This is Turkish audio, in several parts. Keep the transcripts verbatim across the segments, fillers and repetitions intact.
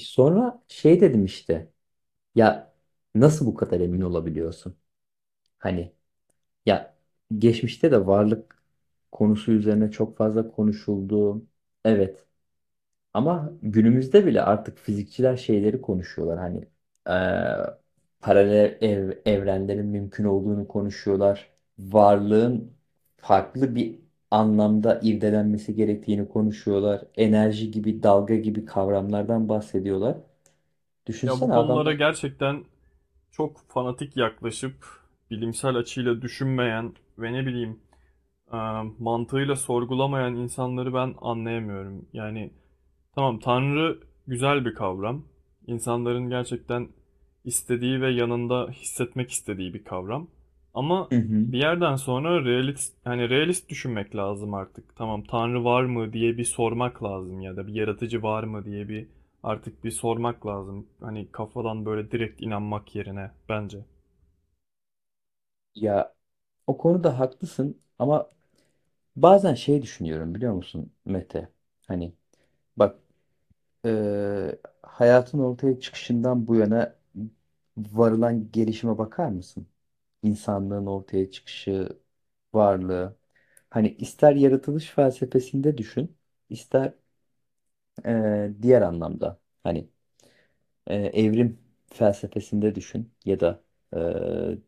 Sonra şey dedim işte ya, nasıl bu kadar emin olabiliyorsun? Hani ya, geçmişte de varlık konusu üzerine çok fazla konuşuldu. Evet, ama günümüzde bile artık fizikçiler şeyleri konuşuyorlar. Hani eee, paralel ev- evrenlerin mümkün olduğunu konuşuyorlar. Varlığın farklı bir anlamda irdelenmesi gerektiğini konuşuyorlar. Enerji gibi, dalga gibi kavramlardan bahsediyorlar. Ya bu Düşünsene konulara adamlar. gerçekten çok fanatik yaklaşıp bilimsel açıyla düşünmeyen ve ne bileyim e, mantığıyla sorgulamayan insanları ben anlayamıyorum. Yani tamam, Tanrı güzel bir kavram. İnsanların gerçekten istediği ve yanında hissetmek istediği bir kavram. Ama Hı hı. bir yerden sonra realist, hani realist düşünmek lazım artık. Tamam, Tanrı var mı diye bir sormak lazım ya da bir yaratıcı var mı diye bir artık bir sormak lazım. Hani kafadan böyle direkt inanmak yerine bence. Ya, o konuda haklısın ama bazen şey düşünüyorum biliyor musun Mete? Hani bak, eee, hayatın ortaya çıkışından bu yana varılan gelişime bakar mısın? İnsanlığın ortaya çıkışı, varlığı. Hani ister yaratılış felsefesinde düşün, ister eee, diğer anlamda. Hani eee, evrim felsefesinde düşün ya da eee,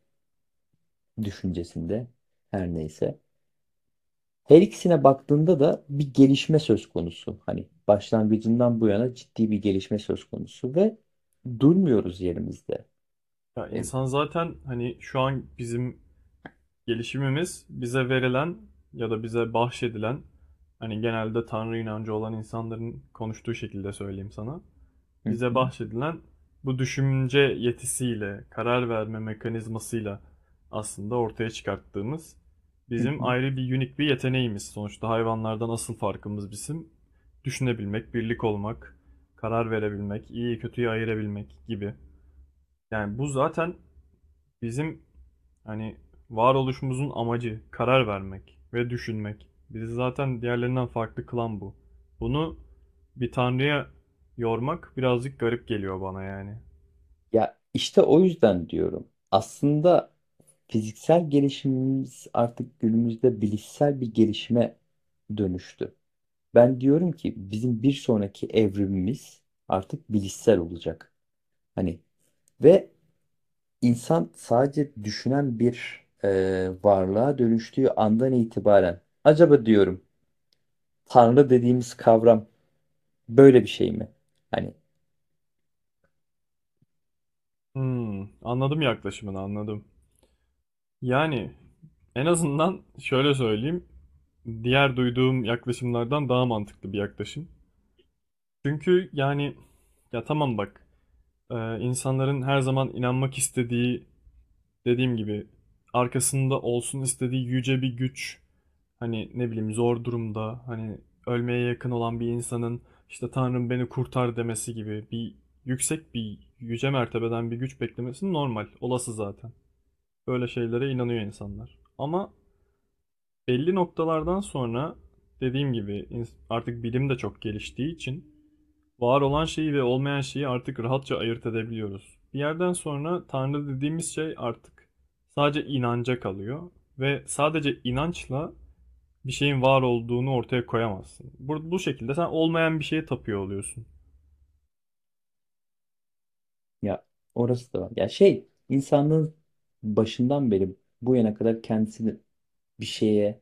düşüncesinde her neyse. Her ikisine baktığında da bir gelişme söz konusu. Hani başlangıcından bu yana ciddi bir gelişme söz konusu ve durmuyoruz yerimizde. Ya E, insan zaten hani şu an bizim gelişimimiz bize verilen ya da bize bahşedilen hani genelde Tanrı inancı olan insanların konuştuğu şekilde söyleyeyim sana. hı Bize hı, bahşedilen bu düşünce yetisiyle, karar verme mekanizmasıyla aslında ortaya çıkarttığımız hı bizim hı. ayrı bir unik bir yeteneğimiz. Sonuçta hayvanlardan asıl farkımız bizim düşünebilmek, birlik olmak, karar verebilmek, iyiyi kötüyü ayırabilmek gibi. Yani bu zaten bizim hani varoluşumuzun amacı karar vermek ve düşünmek. Bizi zaten diğerlerinden farklı kılan bu. Bunu bir tanrıya yormak birazcık garip geliyor bana yani. Ya işte o yüzden diyorum. Aslında fiziksel gelişimimiz artık günümüzde bilişsel bir gelişime dönüştü. Ben diyorum ki bizim bir sonraki evrimimiz artık bilişsel olacak. Hani ve İnsan sadece düşünen bir e, varlığa dönüştüğü andan itibaren acaba diyorum Tanrı dediğimiz kavram böyle bir şey mi? Hani Hmm, anladım, yaklaşımını anladım. Yani en azından şöyle söyleyeyim. Diğer duyduğum yaklaşımlardan daha mantıklı bir yaklaşım. Çünkü yani ya tamam bak, e, insanların her zaman inanmak istediği, dediğim gibi arkasında olsun istediği yüce bir güç, hani ne bileyim zor durumda, hani ölmeye yakın olan bir insanın işte "Tanrım beni kurtar" demesi gibi bir yüksek bir yüce mertebeden bir güç beklemesi normal, olası zaten. Böyle şeylere inanıyor insanlar. Ama belli noktalardan sonra dediğim gibi artık bilim de çok geliştiği için var olan şeyi ve olmayan şeyi artık rahatça ayırt edebiliyoruz. Bir yerden sonra Tanrı dediğimiz şey artık sadece inanca kalıyor ve sadece inançla bir şeyin var olduğunu ortaya koyamazsın. Bu, bu şekilde sen olmayan bir şeye tapıyor oluyorsun. ya, orası da var. Ya şey, insanlığın başından beri bu yana kadar kendisini bir şeye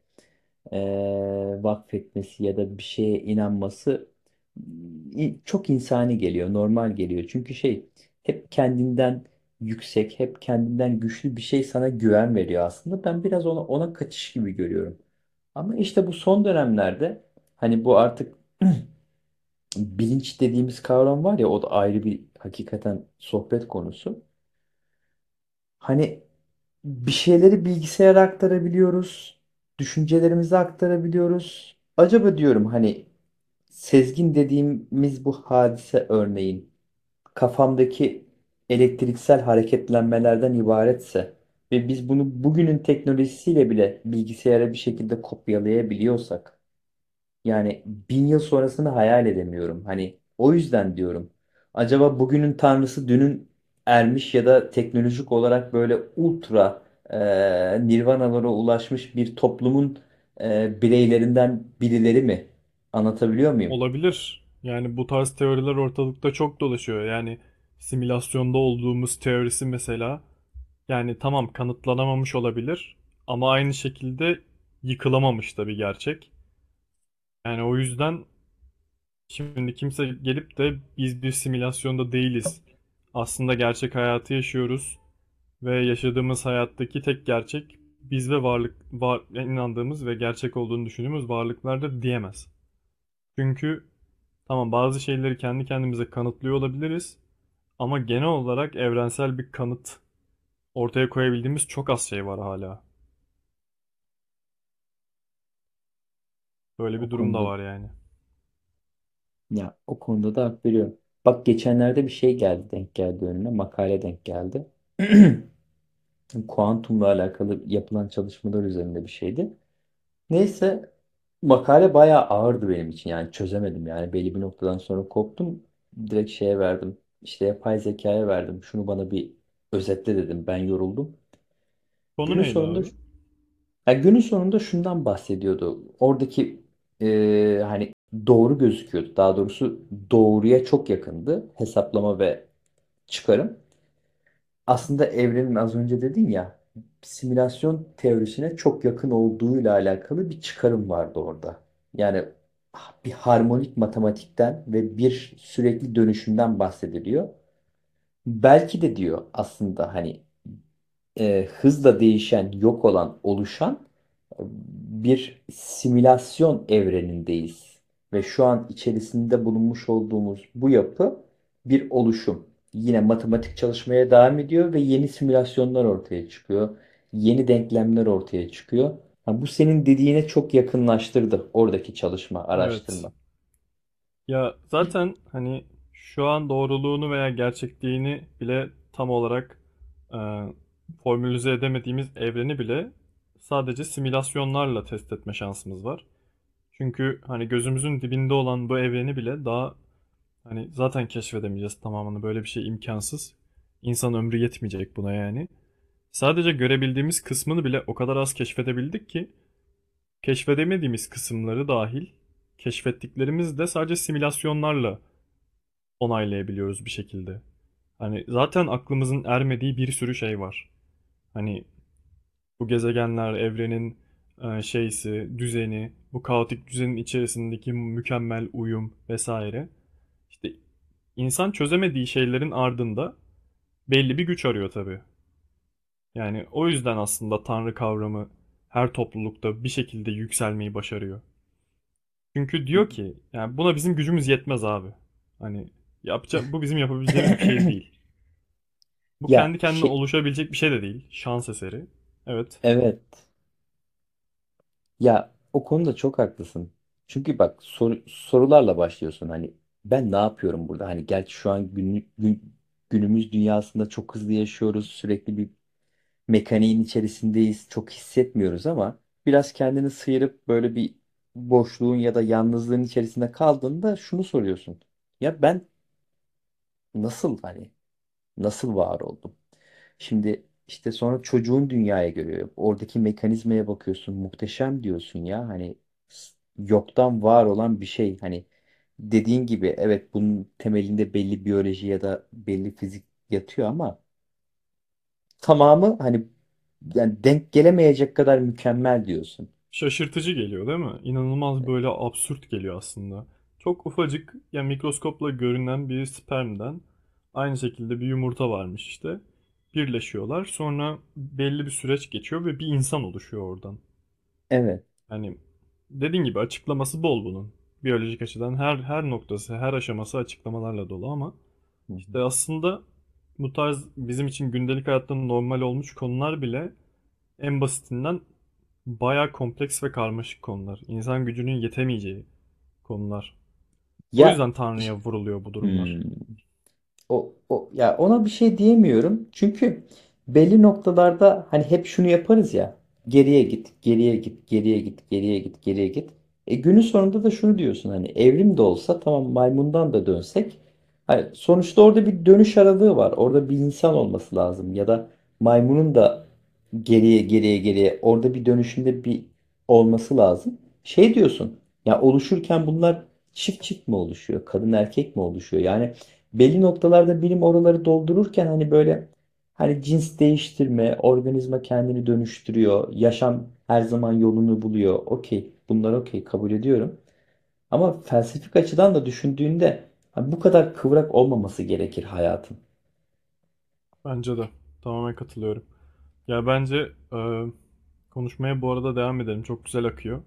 eee vakfetmesi ya da bir şeye inanması i- çok insani geliyor, normal geliyor. Çünkü şey, hep kendinden yüksek, hep kendinden güçlü bir şey sana güven veriyor aslında. Ben biraz ona, ona kaçış gibi görüyorum. Ama işte bu son dönemlerde hani bu artık bilinç dediğimiz kavram var ya, o da ayrı bir hakikaten sohbet konusu. Hani bir şeyleri bilgisayara aktarabiliyoruz. Düşüncelerimizi aktarabiliyoruz. Acaba diyorum hani, sezgin dediğimiz bu hadise örneğin kafamdaki elektriksel hareketlenmelerden ibaretse ve biz bunu bugünün teknolojisiyle bile bilgisayara bir şekilde kopyalayabiliyorsak, yani bin yıl sonrasını hayal edemiyorum. Hani o yüzden diyorum. Acaba bugünün tanrısı dünün ermiş ya da teknolojik olarak böyle ultra e, nirvanalara ulaşmış bir toplumun e, bireylerinden birileri mi? Anlatabiliyor muyum? Olabilir. Yani bu tarz teoriler ortalıkta çok dolaşıyor. Yani simülasyonda olduğumuz teorisi mesela, yani tamam kanıtlanamamış olabilir ama aynı şekilde yıkılamamış da bir gerçek. Yani o yüzden, şimdi kimse gelip de "biz bir simülasyonda değiliz. Aslında gerçek hayatı yaşıyoruz ve yaşadığımız hayattaki tek gerçek biz ve varlık, var inandığımız ve gerçek olduğunu düşündüğümüz varlıklardır" diyemez. Çünkü tamam bazı şeyleri kendi kendimize kanıtlıyor olabiliriz ama genel olarak evrensel bir kanıt ortaya koyabildiğimiz çok az şey var hala. Böyle O bir durum da konuda var yani. ya o konuda da hak veriyorum. Bak, geçenlerde bir şey geldi, denk geldi önüme, makale denk geldi. Kuantumla alakalı yapılan çalışmalar üzerinde bir şeydi. Neyse, makale bayağı ağırdı benim için, yani çözemedim, yani belli bir noktadan sonra koptum, direkt şeye verdim işte, yapay zekaya verdim, şunu bana bir özetle dedim, ben yoruldum. Konu Günün neydi sonunda abi? Yani günün sonunda şundan bahsediyordu oradaki, e, hani doğru gözüküyordu, daha doğrusu doğruya çok yakındı hesaplama ve çıkarım. Aslında evrenin, az önce dedin ya, simülasyon teorisine çok yakın olduğuyla alakalı bir çıkarım vardı orada. Yani bir harmonik matematikten ve bir sürekli dönüşümden bahsediliyor. Belki de diyor aslında, hani e, hızla değişen, yok olan, oluşan bir simülasyon evrenindeyiz. Ve şu an içerisinde bulunmuş olduğumuz bu yapı bir oluşum. Yine matematik çalışmaya devam ediyor ve yeni simülasyonlar ortaya çıkıyor. Yeni denklemler ortaya çıkıyor. Ha, bu senin dediğine çok yakınlaştırdı oradaki çalışma, Evet. araştırma. Ya zaten hani şu an doğruluğunu veya gerçekliğini bile tam olarak e, formülize edemediğimiz evreni bile sadece simülasyonlarla test etme şansımız var. Çünkü hani gözümüzün dibinde olan bu evreni bile daha, hani zaten keşfedemeyeceğiz tamamını. Böyle bir şey imkansız. İnsan ömrü yetmeyecek buna yani. Sadece görebildiğimiz kısmını bile o kadar az keşfedebildik ki keşfedemediğimiz kısımları dahil keşfettiklerimiz de sadece simülasyonlarla onaylayabiliyoruz bir şekilde. Hani zaten aklımızın ermediği bir sürü şey var. Hani bu gezegenler, evrenin, eee, şeysi, düzeni, bu kaotik düzenin içerisindeki mükemmel uyum vesaire. İşte insan çözemediği şeylerin ardında belli bir güç arıyor tabii. Yani o yüzden aslında Tanrı kavramı her toplulukta bir şekilde yükselmeyi başarıyor. Çünkü diyor ki yani buna bizim gücümüz yetmez abi. Hani yapacak, bu bizim yapabileceğimiz bir şey değil. Bu Ya kendi kendine şey, oluşabilecek bir şey de değil, şans eseri. Evet. evet. Ya o konuda çok haklısın. Çünkü bak, sor- sorularla başlıyorsun. Hani ben ne yapıyorum burada? Hani gerçi şu an günlük, gün- günümüz dünyasında çok hızlı yaşıyoruz. Sürekli bir mekaniğin içerisindeyiz. Çok hissetmiyoruz ama biraz kendini sıyırıp böyle bir boşluğun ya da yalnızlığın içerisinde kaldığında şunu soruyorsun. Ya ben nasıl hani nasıl var oldum? Şimdi işte sonra çocuğun dünyaya görüyor. Oradaki mekanizmaya bakıyorsun. Muhteşem diyorsun ya. Hani s- yoktan var olan bir şey. Hani dediğin gibi evet, bunun temelinde belli biyoloji ya da belli fizik yatıyor ama tamamı, hani yani, denk gelemeyecek kadar mükemmel diyorsun. Şaşırtıcı geliyor değil mi? İnanılmaz, böyle absürt geliyor aslında. Çok ufacık, yani mikroskopla görünen bir spermden, aynı şekilde bir yumurta varmış işte. Birleşiyorlar. Sonra belli bir süreç geçiyor ve bir insan oluşuyor oradan. Evet. Yani dediğin gibi açıklaması bol bunun. Biyolojik açıdan her her noktası, her aşaması açıklamalarla dolu ama Hı işte hı. aslında bu tarz bizim için gündelik hayatta normal olmuş konular bile, en basitinden, bayağı kompleks ve karmaşık konular. İnsan gücünün yetemeyeceği konular. O Ya yüzden Tanrı'ya iş- vuruluyor bu Hmm. durumlar. O, o, ya ona bir şey diyemiyorum. Çünkü belli noktalarda hani hep şunu yaparız ya. Geriye git, geriye git, geriye git, geriye git, geriye git. E günün sonunda da şunu diyorsun, hani evrim de olsa, tamam maymundan da dönsek. Hani sonuçta orada bir dönüş aralığı var. Orada bir insan olması lazım ya da maymunun da geriye, geriye, geriye, orada bir dönüşünde bir olması lazım. Şey diyorsun ya, oluşurken bunlar çift çift mi oluşuyor? Kadın erkek mi oluşuyor? Yani belli noktalarda bilim oraları doldururken, hani böyle, hani cins değiştirme, organizma kendini dönüştürüyor, yaşam her zaman yolunu buluyor. Okey, bunlar okey, kabul ediyorum. Ama felsefik açıdan da düşündüğünde hani bu kadar kıvrak olmaması gerekir hayatın. Bence de. Tamamen katılıyorum. Ya bence e, konuşmaya bu arada devam edelim. Çok güzel akıyor.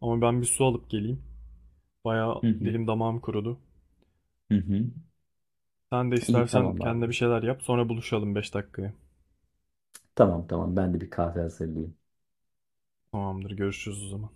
Ama ben bir su alıp geleyim. Bayağı Hı hı, dilim damağım kurudu. hı hı. Sen de İyi, istersen tamam abi. kendine bir şeyler yap. Sonra buluşalım beş dakikaya. Tamam tamam, ben de bir kahve hazırlayayım. Tamamdır. Görüşürüz o zaman.